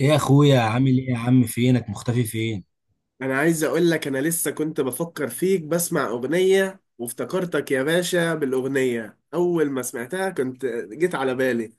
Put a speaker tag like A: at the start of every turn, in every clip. A: ايه يا اخويا، عامل ايه يا عم؟ فينك مختفي فين؟
B: انا عايز اقول لك انا لسه كنت بفكر فيك بسمع اغنية وافتكرتك يا باشا. بالاغنية اول ما سمعتها كنت جيت على بالي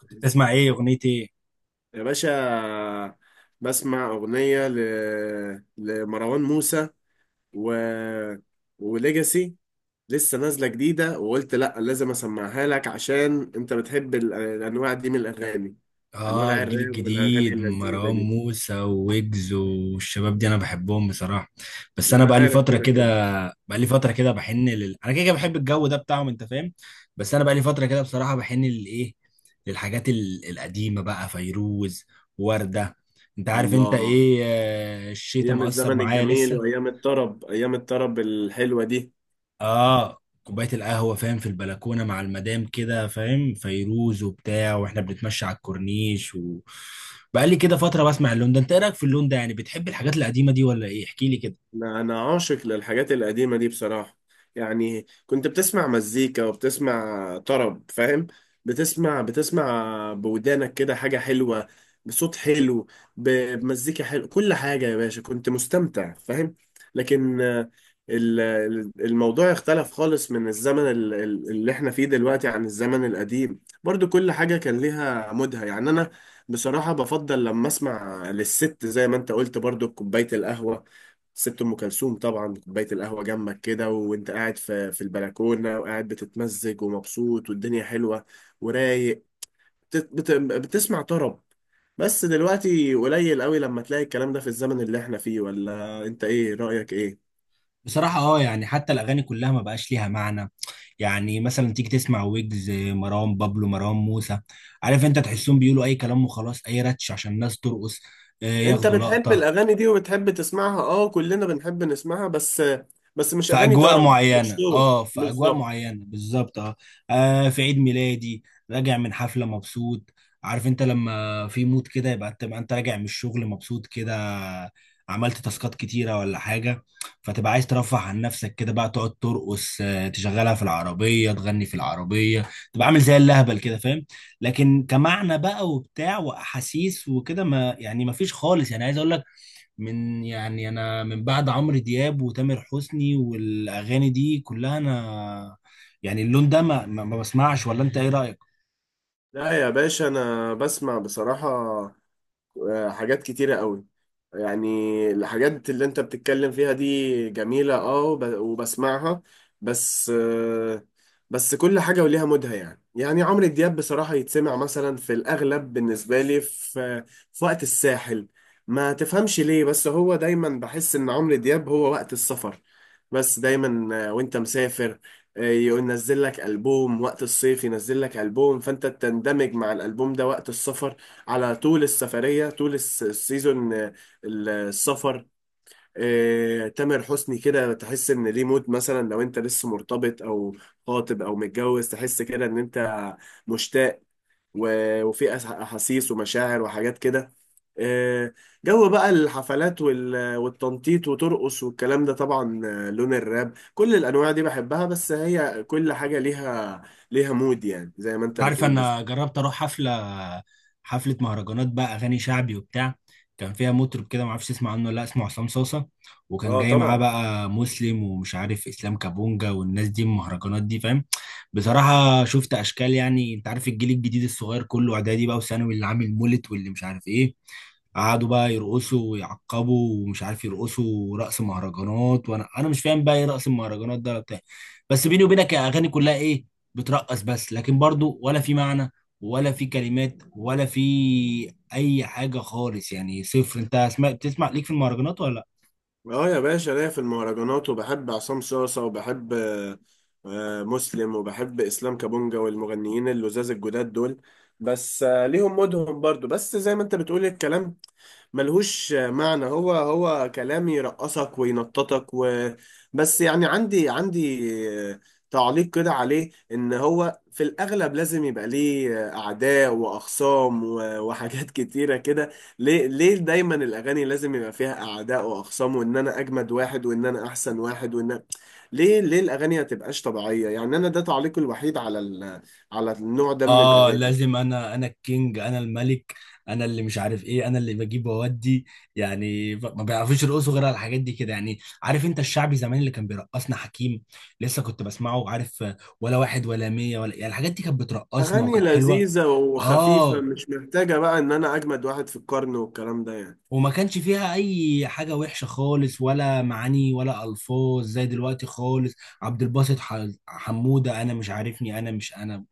A: كنت بتسمع ايه؟ اغنية ايه؟
B: يا باشا. بسمع اغنية ل... لمروان موسى و... وليجاسي لسه نازلة جديدة، وقلت لا لازم اسمعها لك عشان انت بتحب الانواع دي من الاغاني،
A: اه،
B: انواع
A: الجيل
B: الراب والاغاني
A: الجديد
B: اللذيذة
A: مروان
B: دي.
A: موسى وويجز والشباب دي انا بحبهم بصراحة. بس انا
B: انا
A: بقالي
B: عارف
A: فترة
B: كده
A: كده
B: كده.
A: بقالي فترة كده انا كده كده بحب الجو ده بتاعهم، انت فاهم؟ بس انا بقالي فترة كده بصراحة بحن للايه، للحاجات القديمة بقى، فيروز، وردة. انت عارف انت
B: الله،
A: ايه، الشتا
B: ايام
A: مأثر
B: الزمن
A: معايا
B: الجميل
A: لسه.
B: وايام الطرب، ايام الطرب الحلوه دي.
A: اه، كوبايه القهوه فاهم، في البلكونه مع المدام كده فاهم، فيروز وبتاع، واحنا بنتمشى على الكورنيش، و بقالي كده فتره بسمع اللون ده. انت ايه رايك في اللون ده؟ يعني بتحب الحاجات القديمه دي ولا ايه؟ احكي لي كده.
B: أنا عاشق للحاجات القديمه دي بصراحه. يعني كنت بتسمع مزيكا وبتسمع طرب، فاهم؟ بتسمع بودانك كده حاجه حلوه بصوت حلو، ب- بمزيكا حلو، كل حاجه يا باشا كنت مستمتع، فاهم؟ لكن الموضوع اختلف خالص من الزمن اللي احنا فيه دلوقتي عن الزمن القديم. برضو كل حاجه كان ليها مودها، يعني انا بصراحه بفضل لما اسمع للست زي ما انت قلت، برضو بكوبايه القهوه. سبت ام كلثوم طبعا، كوبايه القهوه جنبك كده وانت قاعد في البلكونه، وقاعد بتتمزج ومبسوط والدنيا حلوه ورايق، بتسمع طرب. بس دلوقتي قليل قوي لما تلاقي الكلام ده في الزمن اللي احنا فيه، ولا انت ايه رايك ايه؟
A: بصراحة اه، يعني حتى الأغاني كلها ما بقاش ليها معنى. يعني مثلا تيجي تسمع ويجز، مروان بابلو، مروان موسى، عارف انت، تحسهم بيقولوا أي كلام وخلاص، أي رتش عشان الناس ترقص،
B: انت
A: ياخدوا
B: بتحب
A: لقطة.
B: الاغاني دي وبتحب تسمعها، اه كلنا بنحب نسمعها، بس مش
A: في
B: اغاني
A: اجواء
B: طرب، مش
A: معينه
B: شور
A: اه، في اجواء
B: بالظبط.
A: معينه بالظبط، اه. في عيد ميلادي، راجع من حفله مبسوط، عارف انت؟ لما في مود كده، يبقى انت راجع من الشغل مبسوط كده، عملت تاسكات كتيره ولا حاجه، فتبقى عايز ترفه عن نفسك كده بقى، تقعد ترقص، تشغلها في العربيه، تغني في العربيه، تبقى عامل زي اللهبل كده، فاهم؟ لكن كمعنى بقى وبتاع واحاسيس وكده، ما يعني ما فيش خالص. يعني عايز اقول لك، من يعني، انا من بعد عمرو دياب وتامر حسني والاغاني دي كلها، انا يعني اللون ده ما بسمعش. ولا انت ايه رايك؟
B: لا يا باشا انا بسمع بصراحه، حاجات كتيرة قوي. يعني الحاجات اللي انت بتتكلم فيها دي جميلة اه وب- وبسمعها، بس بس كل حاجة وليها مودها، يعني يعني عمرو دياب بصراحة يتسمع مثلا في الأغلب بالنسبة لي في في وقت الساحل. ما تفهمش ليه بس هو دايما بحس إن عمرو دياب هو وقت السفر، بس دايما وانت مسافر، يقول نزل لك ألبوم وقت الصيف، ينزل لك ألبوم فانت تندمج مع الألبوم ده وقت السفر، على طول السفرية، طول السيزون، السفر. تامر حسني كده تحس ان ليه مود، مثلا لو انت لسه مرتبط او خاطب او متجوز تحس كده ان انت مشتاق، و- وفي احاسيس ومشاعر وحاجات كده. آه، جو بقى الحفلات وال- والتنطيط وترقص والكلام ده طبعا، لون الراب كل الانواع دي بحبها، بس هي كل حاجة ليها ليها مود يعني زي ما انت
A: انت عارف
B: بتقول بالظبط.
A: انا جربت اروح حفله، حفله مهرجانات بقى، اغاني شعبي وبتاع. كان فيها مطرب كده، ما اعرفش اسمع عنه ولا لأ، اسمه عصام صاصه. وكان
B: اه
A: جاي معاه
B: طبعا.
A: بقى مسلم، ومش عارف، اسلام كابونجا، والناس دي المهرجانات دي، فاهم؟ بصراحه شفت اشكال. يعني انت عارف الجيل الجديد الصغير، كله اعدادي بقى وثانوي، اللي عامل مولد واللي مش عارف ايه، قعدوا بقى يرقصوا ويعقبوا ومش عارف، يرقصوا رقص مهرجانات، وانا مش فاهم بقى ايه رقص المهرجانات ده ولا بتاع. بس بيني وبينك، الاغاني كلها ايه، بترقص بس، لكن برضو ولا في معنى ولا في كلمات ولا في اي حاجه خالص. يعني صفر. انت سمعت؟ بتسمع ليك في المهرجانات ولا؟
B: اه يا باشا ليا في المهرجانات وبحب عصام صاصة وبحب، مسلم وبحب اسلام كابونجا والمغنيين اللزاز الجداد دول. بس ليهم مودهم برضو، بس زي ما انت بتقول الكلام ملهوش معنى، هو هو كلام يرقصك وينططك بس. يعني عندي تعليق كده عليه، ان هو في الاغلب لازم يبقى ليه اعداء واخصام و- وحاجات كتيره كده. ليه ليه دايما الاغاني لازم يبقى فيها اعداء واخصام، وان انا اجمد واحد، وان انا احسن واحد، وان ليه ليه الاغاني ما تبقاش طبيعيه؟ يعني انا ده تعليقي الوحيد على على النوع ده من
A: اه،
B: الاغاني.
A: لازم انا الكينج، انا الملك، انا اللي مش عارف ايه، انا اللي بجيب واودي. يعني ما بيعرفوش يرقصوا غير على الحاجات دي كده. يعني عارف انت الشعبي زمان اللي كان بيرقصنا، حكيم لسه كنت بسمعه، عارف؟ ولا واحد ولا مية ولا، يعني الحاجات دي كانت بترقصنا
B: أغاني
A: وكانت حلوة.
B: لذيذة وخفيفة،
A: اه،
B: مش محتاجة بقى إن أنا أجمد واحد في القرن والكلام ده يعني.
A: وما كانش فيها اي حاجة وحشة خالص، ولا معاني ولا الفاظ زي دلوقتي خالص. عبد الباسط حمودة، انا مش عارفني، انا مش انا،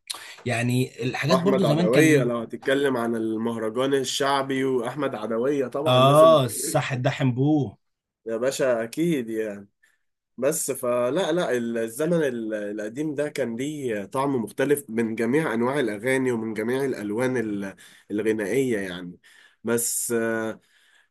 A: يعني الحاجات برضو
B: وأحمد
A: زمان كان
B: عدوية
A: ايه.
B: لو هتتكلم عن المهرجان الشعبي وأحمد عدوية طبعا لازم.
A: اه، صح، ده حنبوه.
B: يا باشا أكيد يعني. بس فلا لا الزمن القديم ده كان ليه طعم مختلف، من جميع أنواع الأغاني ومن جميع الألوان الغنائية يعني. بس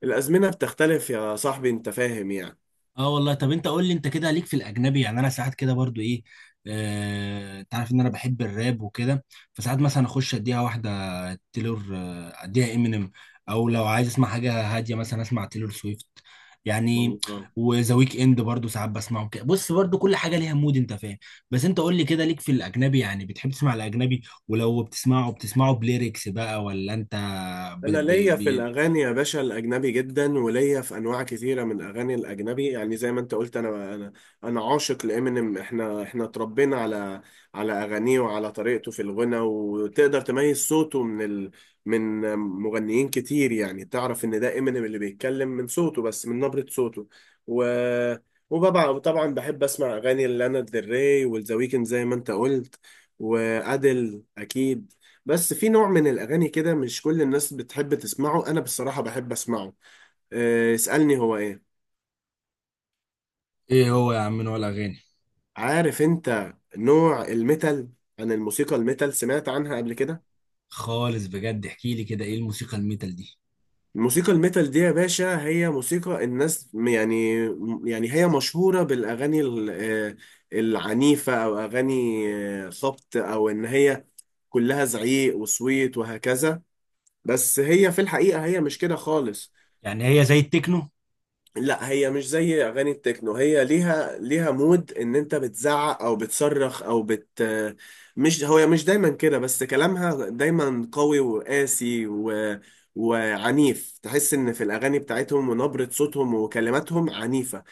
B: الأزمنة بتختلف يا صاحبي، أنت فاهم يعني.
A: اه والله. طب انت قول لي، انت كده ليك في الاجنبي؟ يعني انا ساعات كده برضو ايه، انت عارف ان انا بحب الراب وكده، فساعات مثلا اخش اديها واحده تيلور، اديها امينيم. او لو عايز اسمع حاجه هاديه، مثلا اسمع تيلور سويفت، يعني.
B: والله.
A: وذا ويك اند برضو ساعات بسمعه كده. بص، برضو كل حاجه ليها مود، انت فاهم؟ بس انت قول لي كده، ليك في الاجنبي؟ يعني بتحب تسمع الاجنبي؟ ولو بتسمعه بليركس بقى ولا انت ب...
B: انا
A: ب...
B: ليا في
A: ب...
B: الاغاني يا باشا الاجنبي جدا، وليا في انواع كثيره من الاغاني الاجنبي، يعني زي ما انت قلت انا انا عاشق لامينيم. احنا اتربينا على على اغانيه وعلى طريقته في الغنى، وتقدر تميز صوته من من مغنيين كتير، يعني تعرف ان ده امينيم اللي بيتكلم من صوته، بس من نبره صوته. و وبابا طبعا بحب اسمع اغاني لانا دري والذا ويكند زي ما انت قلت، وادل اكيد. بس في نوع من الأغاني كده مش كل الناس بتحب تسمعه، أنا بصراحة بحب أسمعه. أه، اسألني هو إيه.
A: ايه هو يا عم، نوع الاغاني؟
B: عارف أنت نوع الميتال؟ عن الموسيقى الميتال سمعت عنها قبل كده؟
A: خالص، بجد احكي لي كده، ايه الموسيقى الميتال دي؟
B: الموسيقى الميتال دي يا باشا هي موسيقى الناس يعني، يعني هي مشهورة بالأغاني العنيفة، أو أغاني خبط، أو إن هي كلها زعيق وصويت وهكذا، بس هي في الحقيقة هي مش كده خالص.
A: يعني هي زي التكنو؟
B: لا هي مش زي اغاني التكنو، هي ليها ليها مود ان انت بتزعق او بتصرخ او بت، مش هو مش دايما كده، بس كلامها دايما قوي وقاسي وعنيف، تحس ان في الاغاني بتاعتهم ونبرة صوتهم وكلماتهم عنيفة.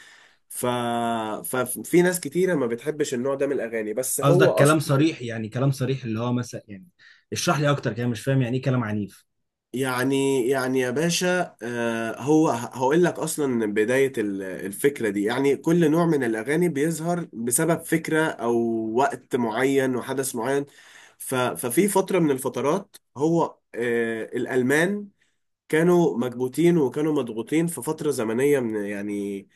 B: ف... ففي ناس كتيرة ما بتحبش النوع ده من الاغاني، بس هو
A: قصدك كلام
B: اصلا.
A: صريح؟ يعني كلام صريح اللي هو مثلا، يعني اشرح لي اكتر كده، مش فاهم يعني ايه كلام عنيف.
B: يعني يا باشا، هو هقول لك اصلا بداية الفكرة دي، يعني كل نوع من الاغاني بيظهر بسبب فكرة او وقت معين وحدث معين. ف- ففي فترة من الفترات هو الالمان كانوا مكبوتين وكانوا مضغوطين في فترة زمنية من يعني،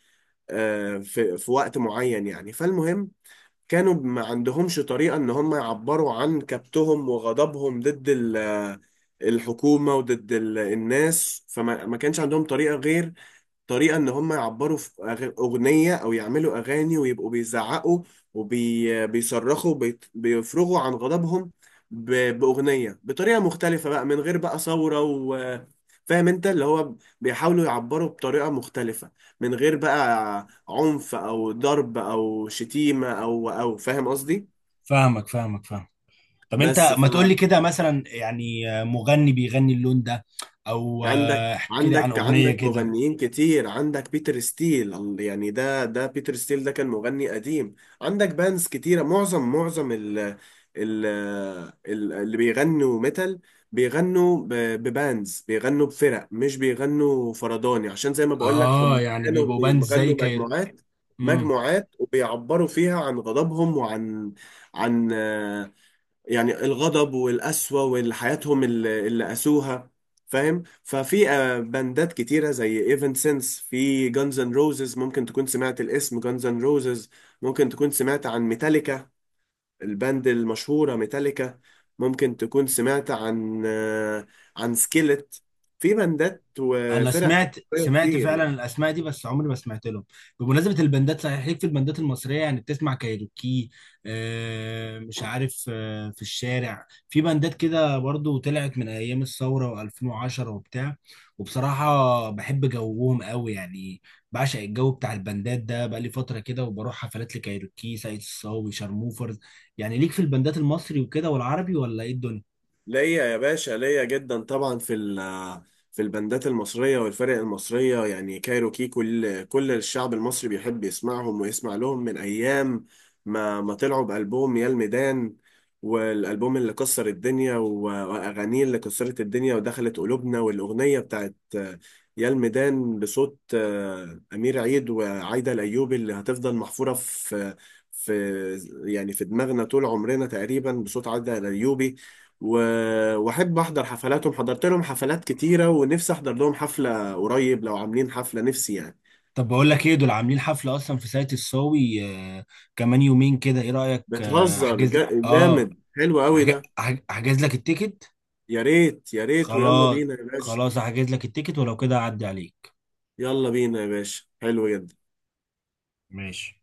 B: في في وقت معين يعني، فالمهم كانوا ما عندهمش طريقة ان هم يعبروا عن كبتهم وغضبهم ضد الحكومة وضد الناس. فما ما كانش عندهم طريقة غير طريقة إن هم يعبروا في أغنية، أو يعملوا أغاني ويبقوا بيزعقوا وبيصرخوا، بيفرغوا عن غضبهم ب- بأغنية بطريقة مختلفة بقى، من غير بقى ثورة و، فاهم انت اللي هو بيحاولوا يعبروا بطريقة مختلفة، من غير بقى عنف او ضرب او شتيمة او او، فاهم قصدي؟
A: فاهمك، فاهمك، فاهم. طب
B: بس
A: انت ما تقول لي كده مثلا، يعني مغني بيغني اللون ده، او
B: عندك
A: احكي لي عن
B: عندك
A: اغنية
B: عندك
A: كده.
B: مغنيين كتير، عندك بيتر ستيل يعني ده بيتر ستيل ده كان مغني قديم. عندك بانز كتيرة، معظم اللي بيغنوا ميتال بيغنوا ب- ببانز، بيغنوا بفرق، مش بيغنوا فرداني، عشان زي ما بقول لك
A: اه،
B: هم
A: يعني
B: كانوا
A: بيبقوا باند
B: بيغنوا
A: زي كاير.
B: مجموعات، مجموعات وبيعبروا فيها عن غضبهم وعن عن، يعني الغضب والقسوة والحياتهم اللي قاسوها فاهم. ففي باندات كتيرة زي ايفنسنس، في جانز اند روزز، ممكن تكون سمعت الاسم جانز اند روزز، ممكن تكون سمعت عن ميتاليكا، الباند المشهورة ميتاليكا، ممكن تكون سمعت عن عن سكيلت، في باندات
A: انا
B: وفرق
A: سمعت،
B: كتير
A: فعلا
B: يعني.
A: الاسماء دي، بس عمري ما سمعت لهم. بمناسبه البندات، صحيح، ليك في البندات المصريه؟ يعني بتسمع كايروكي، آه مش عارف آه، في الشارع، في بندات كده برضو طلعت من ايام الثوره و2010 وبتاع، وبصراحه بحب جوهم قوي يعني. بعشق الجو بتاع البندات ده بقالي فتره كده، وبروح حفلات لكايروكي، سعيد الصاوي، شارموفرز. يعني ليك في البندات المصري وكده والعربي ولا ايه الدنيا؟
B: ليا يا باشا، ليا جدا طبعا في في البندات المصرية والفرق المصرية، يعني كايروكي كل كل الشعب المصري بيحب يسمعهم ويسمع لهم، من أيام ما طلعوا بألبوم يا الميدان، والألبوم اللي كسر الدنيا و- وأغانيه اللي كسرت الدنيا ودخلت قلوبنا، والأغنية بتاعت يا الميدان بصوت أمير عيد وعايدة الأيوبي، اللي هتفضل محفورة في في يعني في دماغنا طول عمرنا تقريبا بصوت عايدة الأيوبي، و- واحب احضر حفلاتهم، حضرت لهم حفلات كتيره، ونفسي احضر لهم حفله قريب لو عاملين حفله نفسي يعني.
A: طب بقول لك ايه، دول عاملين حفلة اصلا في ساقية الصاوي، آه، كمان يومين كده، ايه رأيك؟
B: بتهزر،
A: احجز؟
B: جامد
A: اه.
B: حلو قوي ده.
A: احجز لك التيكت.
B: يا ريت يا ريت، ويلا
A: خلاص.
B: بينا يا باشا.
A: خلاص، احجز لك التيكت، ولو كده اعدي عليك.
B: يلا بينا يا باشا، حلو جدا.
A: ماشي.